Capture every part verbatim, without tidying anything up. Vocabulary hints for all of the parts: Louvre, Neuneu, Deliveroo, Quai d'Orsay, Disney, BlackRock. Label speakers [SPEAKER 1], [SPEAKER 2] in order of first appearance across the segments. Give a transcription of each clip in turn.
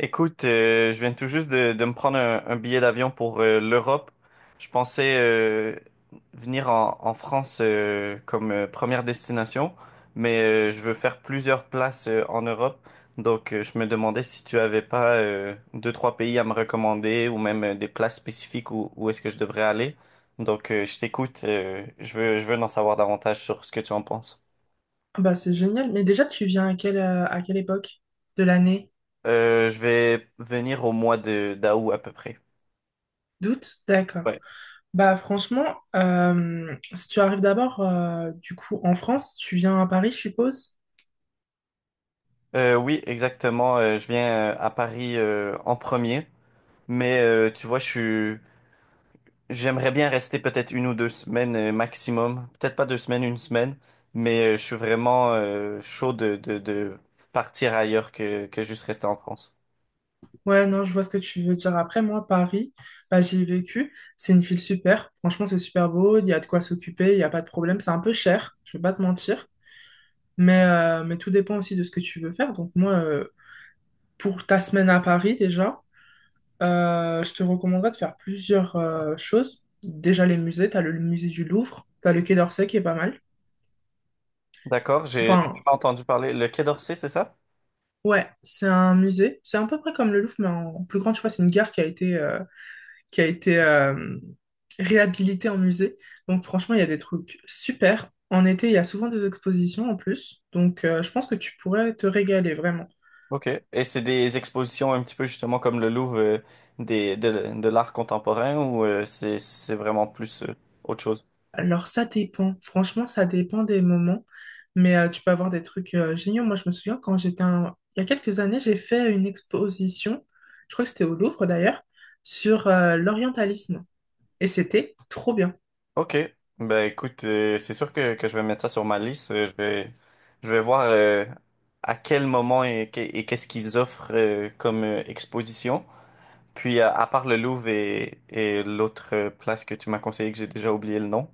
[SPEAKER 1] Écoute, euh, je viens tout juste de, de me prendre un, un billet d'avion pour euh, l'Europe. Je pensais euh, venir en, en France euh, comme euh, première destination, mais euh, je veux faire plusieurs places euh, en Europe. Donc, euh, je me demandais si tu avais pas euh, deux, trois pays à me recommander ou même euh, des places spécifiques où, où est-ce que je devrais aller. Donc, euh, je t'écoute. euh, je veux, je veux en savoir davantage sur ce que tu en penses.
[SPEAKER 2] Ah, bah, c'est génial. Mais déjà, tu viens à quelle, euh, à quelle époque de l'année?
[SPEAKER 1] Euh, je vais venir au mois de d'août à peu près.
[SPEAKER 2] D'août? D'accord.
[SPEAKER 1] Ouais.
[SPEAKER 2] Bah, franchement, euh, si tu arrives d'abord, euh, du coup, en France, tu viens à Paris, je suppose?
[SPEAKER 1] Euh, oui, exactement. Euh, je viens euh, à Paris euh, en premier, mais euh, tu vois, je suis... J'aimerais bien rester peut-être une ou deux semaines euh, maximum. Peut-être pas deux semaines, une semaine, mais euh, je suis vraiment euh, chaud de, de, de partir ailleurs que, que juste rester en France.
[SPEAKER 2] Ouais, non, je vois ce que tu veux dire. Après, moi, Paris, bah, j'y ai vécu. C'est une ville super. Franchement, c'est super beau. Il y a de quoi s'occuper. Il n'y a pas de problème. C'est un peu cher. Je vais pas te mentir. Mais, euh, mais tout dépend aussi de ce que tu veux faire. Donc, moi, euh, pour ta semaine à Paris, déjà. Euh, je te recommanderais de faire plusieurs euh, choses. Déjà les musées, t'as le musée du Louvre, t'as le Quai d'Orsay qui est pas mal.
[SPEAKER 1] D'accord, j'ai j'ai jamais
[SPEAKER 2] Enfin,
[SPEAKER 1] entendu parler. Le Quai d'Orsay, c'est ça?
[SPEAKER 2] ouais, c'est un musée. C'est à peu près comme le Louvre, mais en plus grand, tu vois, c'est une gare qui a été, euh, qui a été euh, réhabilitée en musée. Donc franchement, il y a des trucs super. En été, il y a souvent des expositions en plus. Donc euh, je pense que tu pourrais te régaler vraiment.
[SPEAKER 1] Ok. Et c'est des expositions un petit peu justement comme le Louvre euh, des, de, de l'art contemporain ou euh, c'est, c'est vraiment plus euh, autre chose?
[SPEAKER 2] Alors ça dépend, franchement ça dépend des moments, mais euh, tu peux avoir des trucs euh, géniaux. Moi je me souviens quand j'étais un- il y a quelques années, j'ai fait une exposition, je crois que c'était au Louvre d'ailleurs, sur euh, l'orientalisme et c'était trop bien.
[SPEAKER 1] Ok, ben écoute, euh, c'est sûr que, que je vais mettre ça sur ma liste. Euh, Je vais, je vais voir euh, à quel moment et, que- et qu'est-ce qu'ils offrent euh, comme euh, exposition. Puis à, à part le Louvre et, et l'autre euh, place que tu m'as conseillé que j'ai déjà oublié le nom.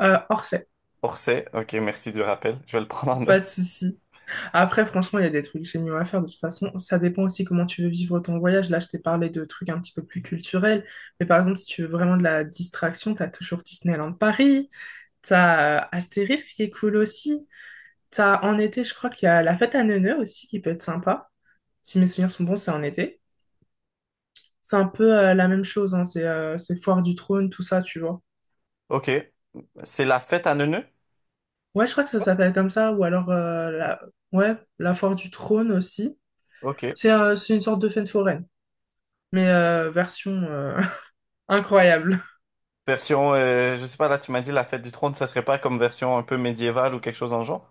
[SPEAKER 2] Euh, Orsay,
[SPEAKER 1] Orsay, ok, merci du rappel. Je vais le prendre en
[SPEAKER 2] pas
[SPEAKER 1] note.
[SPEAKER 2] de souci. Après franchement il y a des trucs géniaux à faire de toute façon, ça dépend aussi comment tu veux vivre ton voyage. Là je t'ai parlé de trucs un petit peu plus culturels, mais par exemple si tu veux vraiment de la distraction, t'as toujours Disneyland Paris, t'as euh, Astérix qui est cool aussi. T'as en été, je crois qu'il y a la fête à Neuneu aussi qui peut être sympa. Si mes souvenirs sont bons, c'est en été. C'est un peu euh, la même chose, hein, c'est euh, c'est Foire du Trône, tout ça, tu vois.
[SPEAKER 1] Ok, c'est la fête à Neuneu?
[SPEAKER 2] Ouais, je crois que ça s'appelle comme ça, ou alors euh, la... Ouais, la Foire du Trône aussi.
[SPEAKER 1] Ok.
[SPEAKER 2] C'est euh, c'est une sorte de fête foraine, mais euh, version euh, incroyable.
[SPEAKER 1] Version, euh, je sais pas, là tu m'as dit la fête du trône, ça serait pas comme version un peu médiévale ou quelque chose dans le genre?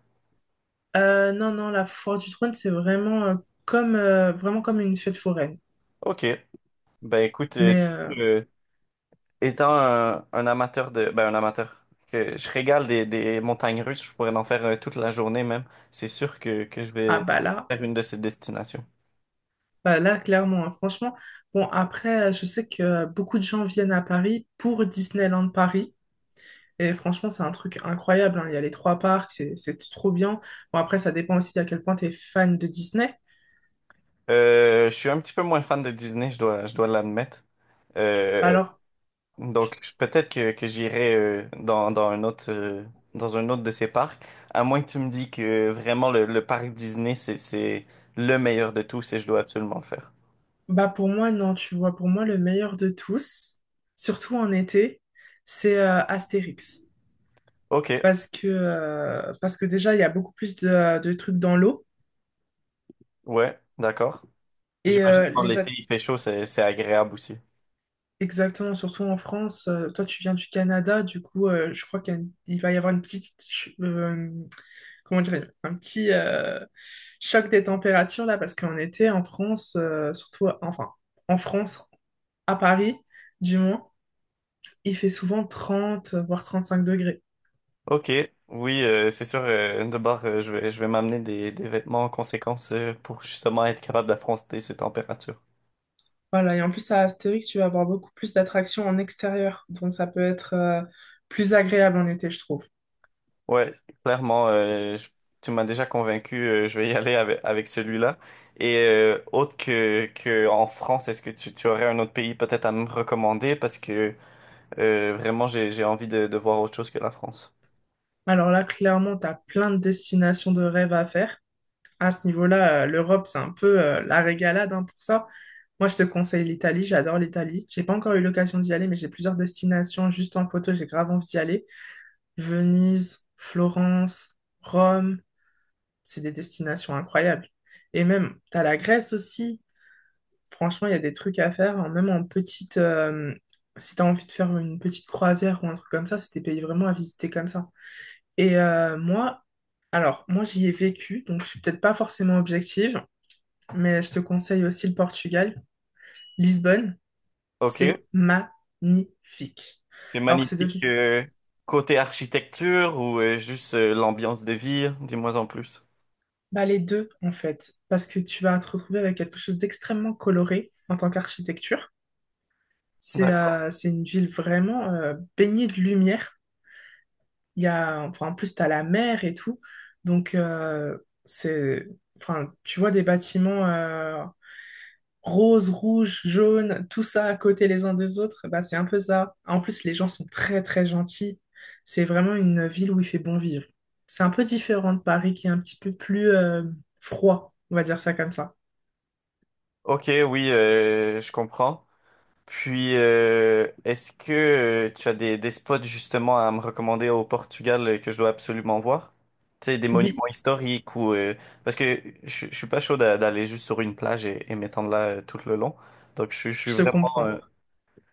[SPEAKER 2] Euh, non, non, la Foire du Trône, c'est vraiment, euh, comme, euh, vraiment comme une fête foraine.
[SPEAKER 1] Ok, ben écoute, euh,
[SPEAKER 2] Mais euh,
[SPEAKER 1] euh, étant un, un amateur de... Ben, un amateur. Que je régale des, des montagnes russes, je pourrais en faire euh, toute la journée même. C'est sûr que, que je
[SPEAKER 2] ah
[SPEAKER 1] vais
[SPEAKER 2] bah là.
[SPEAKER 1] faire une de ces destinations.
[SPEAKER 2] Bah là, clairement, hein, franchement. Bon, après, euh, je sais que euh, beaucoup de gens viennent à Paris pour Disneyland Paris. Et franchement, c'est un truc incroyable, hein. Il y a les trois parcs, c'est c'est trop bien. Bon, après, ça dépend aussi à quel point tu es fan de Disney.
[SPEAKER 1] Euh, je suis un petit peu moins fan de Disney, je dois, je dois l'admettre. Euh,
[SPEAKER 2] Alors, je-
[SPEAKER 1] donc, je- peut-être que, que j'irai euh, dans, dans un autre, euh, dans un autre de ces parcs. À moins que tu me dis que vraiment le, le parc Disney, c'est, c'est le meilleur de tous et je dois absolument le faire.
[SPEAKER 2] bah pour moi, non, tu vois, pour moi, le meilleur de tous, surtout en été, c'est euh, Astérix.
[SPEAKER 1] Ok,
[SPEAKER 2] Parce que, euh, parce que déjà, il y a beaucoup plus de, de trucs dans l'eau.
[SPEAKER 1] ouais, d'accord.
[SPEAKER 2] Et
[SPEAKER 1] J'imagine que
[SPEAKER 2] euh,
[SPEAKER 1] quand
[SPEAKER 2] les,
[SPEAKER 1] l'été il fait chaud, c'est c'est agréable aussi.
[SPEAKER 2] Exactement, surtout en France. euh, toi, tu viens du Canada, du coup, euh, je crois qu'il y a une- il va y avoir une petite, ch- euh, comment dire, un petit euh, choc des températures là, parce qu'en été, en France, euh, surtout, enfin, en France, à Paris, du moins, il fait souvent trente, voire trente-cinq degrés.
[SPEAKER 1] Ok, oui, euh, c'est sûr. Euh, de bord, euh, je vais, je vais m'amener des, des vêtements en conséquence euh, pour justement être capable d'affronter ces températures.
[SPEAKER 2] Voilà, et en plus, à Astérix, tu vas avoir beaucoup plus d'attractions en extérieur, donc ça peut être euh, plus agréable en été, je trouve.
[SPEAKER 1] Ouais, clairement, euh, je- tu m'as déjà convaincu. Euh, je vais y aller avec, avec celui-là. Et euh, autre que, que en France, est-ce que tu, tu aurais un autre pays peut-être à me recommander parce que euh, vraiment j'ai, j'ai envie de, de voir autre chose que la France.
[SPEAKER 2] Alors là, clairement, tu as plein de destinations de rêve à faire. À ce niveau-là, euh, l'Europe, c'est un peu euh, la régalade hein, pour ça. Moi, je te conseille l'Italie, j'adore l'Italie. J'ai pas encore eu l'occasion d'y aller, mais j'ai plusieurs destinations juste en photo, j'ai grave envie d'y aller. Venise, Florence, Rome, c'est des destinations incroyables. Et même, t'as la Grèce aussi. Franchement, il y a des trucs à faire, hein, même en petite. euh, si t'as envie de faire une petite croisière ou un truc comme ça, c'est des pays vraiment à visiter comme ça. Et euh, moi, alors, moi, j'y ai vécu, donc je suis peut-être pas forcément objective mais je te conseille aussi le Portugal. Lisbonne,
[SPEAKER 1] Ok,
[SPEAKER 2] c'est magnifique.
[SPEAKER 1] c'est
[SPEAKER 2] Alors, c'est
[SPEAKER 1] magnifique.
[SPEAKER 2] devenu
[SPEAKER 1] Euh, côté architecture ou euh, juste euh, l'ambiance de vie, dis-moi en plus.
[SPEAKER 2] bah, les deux, en fait, parce que tu vas te retrouver avec quelque chose d'extrêmement coloré en tant qu'architecture. C'est euh, c'est une ville vraiment euh, baignée de lumière. Il y a, enfin, en plus, tu as la mer et tout. Donc, euh, c'est, enfin, tu vois des bâtiments euh, rose, rouge, jaune, tout ça à côté les uns des autres, bah, c'est un peu ça. En plus, les gens sont très, très gentils. C'est vraiment une ville où il fait bon vivre. C'est un peu différent de Paris qui est un petit peu plus euh, froid, on va dire ça comme ça.
[SPEAKER 1] Ok, oui, euh, je comprends. Puis, euh, est-ce que euh, tu as des, des spots justement à me recommander au Portugal euh, que je dois absolument voir? Tu sais, des
[SPEAKER 2] Oui,
[SPEAKER 1] monuments historiques ou... euh, parce que je, je suis pas chaud d'a- d'aller juste sur une plage et, et m'étendre là euh, tout le long. Donc, je, je suis
[SPEAKER 2] je te
[SPEAKER 1] vraiment,
[SPEAKER 2] comprends.
[SPEAKER 1] euh,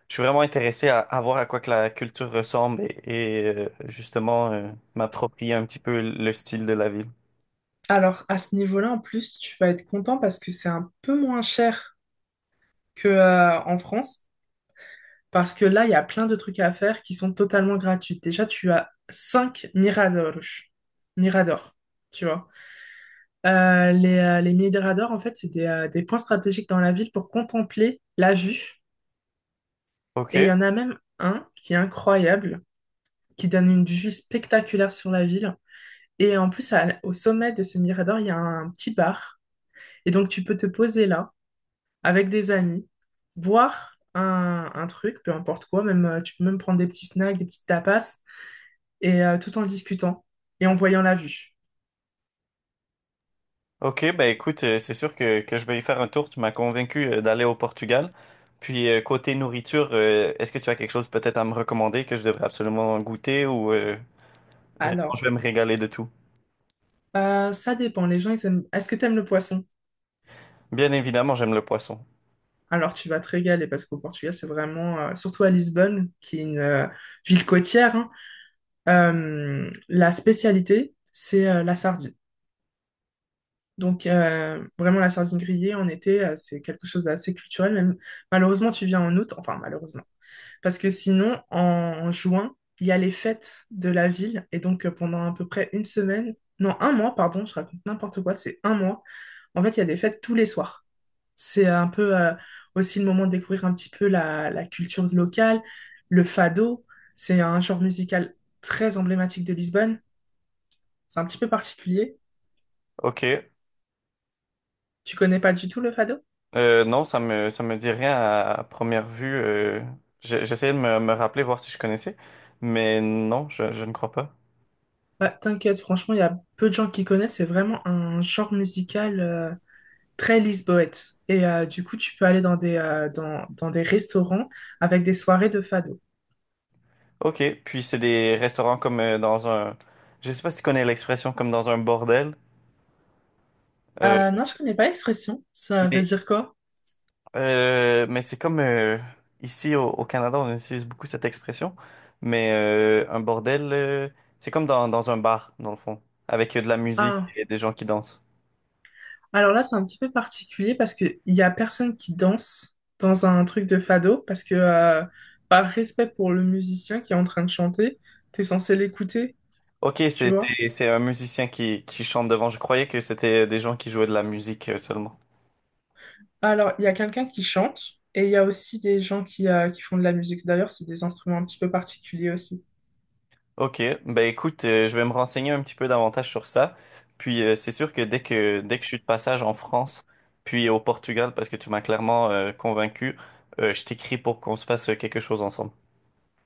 [SPEAKER 1] je suis vraiment intéressé à, à voir à quoi que la culture ressemble et, et, euh, justement euh, m'approprier un petit peu le style de la ville.
[SPEAKER 2] Alors, à ce niveau-là, en plus, tu vas être content parce que c'est un peu moins cher que, euh, en France. Parce que là, il y a plein de trucs à faire qui sont totalement gratuits. Déjà, tu as cinq miradors. Miradors, tu vois. Euh, les, euh, les miradors, en fait, c'est des, euh, des points stratégiques dans la ville pour contempler la vue. Et il
[SPEAKER 1] Ok.
[SPEAKER 2] y en a même un qui est incroyable, qui donne une vue spectaculaire sur la ville. Et en plus, à- au sommet de ce mirador, il y a un petit bar. Et donc, tu peux te poser là avec des amis, boire un, un truc, peu importe quoi. Même, euh, tu peux même prendre des petits snacks, des petites tapas, et euh, tout en discutant et en voyant la vue.
[SPEAKER 1] Ok, ben écoute, euh, c'est sûr que, que je vais y faire un tour. Tu m'as convaincu euh, d'aller au Portugal. Puis euh, côté nourriture, euh, est-ce que tu as quelque chose peut-être à me recommander que je devrais absolument goûter ou euh, vraiment je
[SPEAKER 2] Alors,
[SPEAKER 1] vais me régaler de tout?
[SPEAKER 2] euh, ça dépend. Les gens, ils aiment. Est-ce que tu aimes le poisson?
[SPEAKER 1] Bien évidemment, j'aime le poisson.
[SPEAKER 2] Alors, tu vas te régaler parce qu'au Portugal, c'est vraiment, euh, surtout à Lisbonne, qui est une euh, ville côtière, hein, euh, la spécialité, c'est euh, la sardine. Donc, euh, vraiment, la sardine grillée en été, euh, c'est quelque chose d'assez culturel. Même, malheureusement, tu viens en août, enfin, malheureusement. Parce que sinon, en, en juin, il y a les fêtes de la ville. Et donc, euh, pendant à peu près une semaine, non, un mois, pardon, je raconte n'importe quoi, c'est un mois. En fait, il y a des fêtes tous les soirs. C'est un peu euh, aussi le moment de découvrir un petit peu la, la culture locale. Le fado, c'est un genre musical très emblématique de Lisbonne. C'est un petit peu particulier.
[SPEAKER 1] Ok.
[SPEAKER 2] Tu connais pas du tout le fado?
[SPEAKER 1] Euh, non, ça me ça me dit rien à, à première vue. Euh, j'ai- j'essayais de me, me rappeler voir si je connaissais, mais non, je, je ne crois pas.
[SPEAKER 2] Bah, t'inquiète, franchement, il y a peu de gens qui connaissent. C'est vraiment un genre musical euh, très lisboète. Et euh, du coup, tu peux aller dans des, euh, dans, dans des restaurants avec des soirées de fado.
[SPEAKER 1] Ok, puis c'est des restaurants comme euh, dans un, je sais pas si tu connais l'expression comme dans un bordel. euh,
[SPEAKER 2] Euh, non, je connais pas l'expression. Ça veut
[SPEAKER 1] mais
[SPEAKER 2] dire quoi?
[SPEAKER 1] Euh, mais c'est comme euh, ici au, au Canada, on utilise beaucoup cette expression, mais euh, un bordel, euh, c'est comme dans, dans un bar, dans le fond, avec euh, de la musique et des gens qui dansent.
[SPEAKER 2] Alors là, c'est un petit peu particulier parce qu'il y a personne qui danse dans un truc de fado parce que, euh, par respect pour le musicien qui est en train de chanter, t'es censé l'écouter,
[SPEAKER 1] Ok,
[SPEAKER 2] tu
[SPEAKER 1] c'est
[SPEAKER 2] vois.
[SPEAKER 1] c'est c'est un musicien qui, qui chante devant. Je croyais que c'était des gens qui jouaient de la musique euh, seulement.
[SPEAKER 2] Alors, il y a quelqu'un qui chante et il y a aussi des gens qui, euh, qui font de la musique. D'ailleurs, c'est des instruments un petit peu particuliers aussi.
[SPEAKER 1] Ok, ben écoute, euh, je vais me renseigner un petit peu davantage sur ça. Puis euh, c'est sûr que dès que dès que je suis de passage en France, puis au Portugal, parce que tu m'as clairement euh, convaincu, euh, je t'écris pour qu'on se fasse euh, quelque chose ensemble.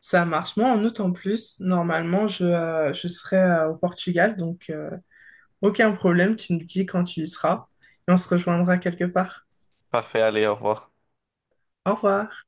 [SPEAKER 2] Ça marche. Moi, en août en plus, normalement, je, euh, je serai euh, au Portugal, donc euh, aucun problème, tu me dis quand tu y seras et on se rejoindra quelque part.
[SPEAKER 1] Parfait, allez, au revoir.
[SPEAKER 2] Au revoir.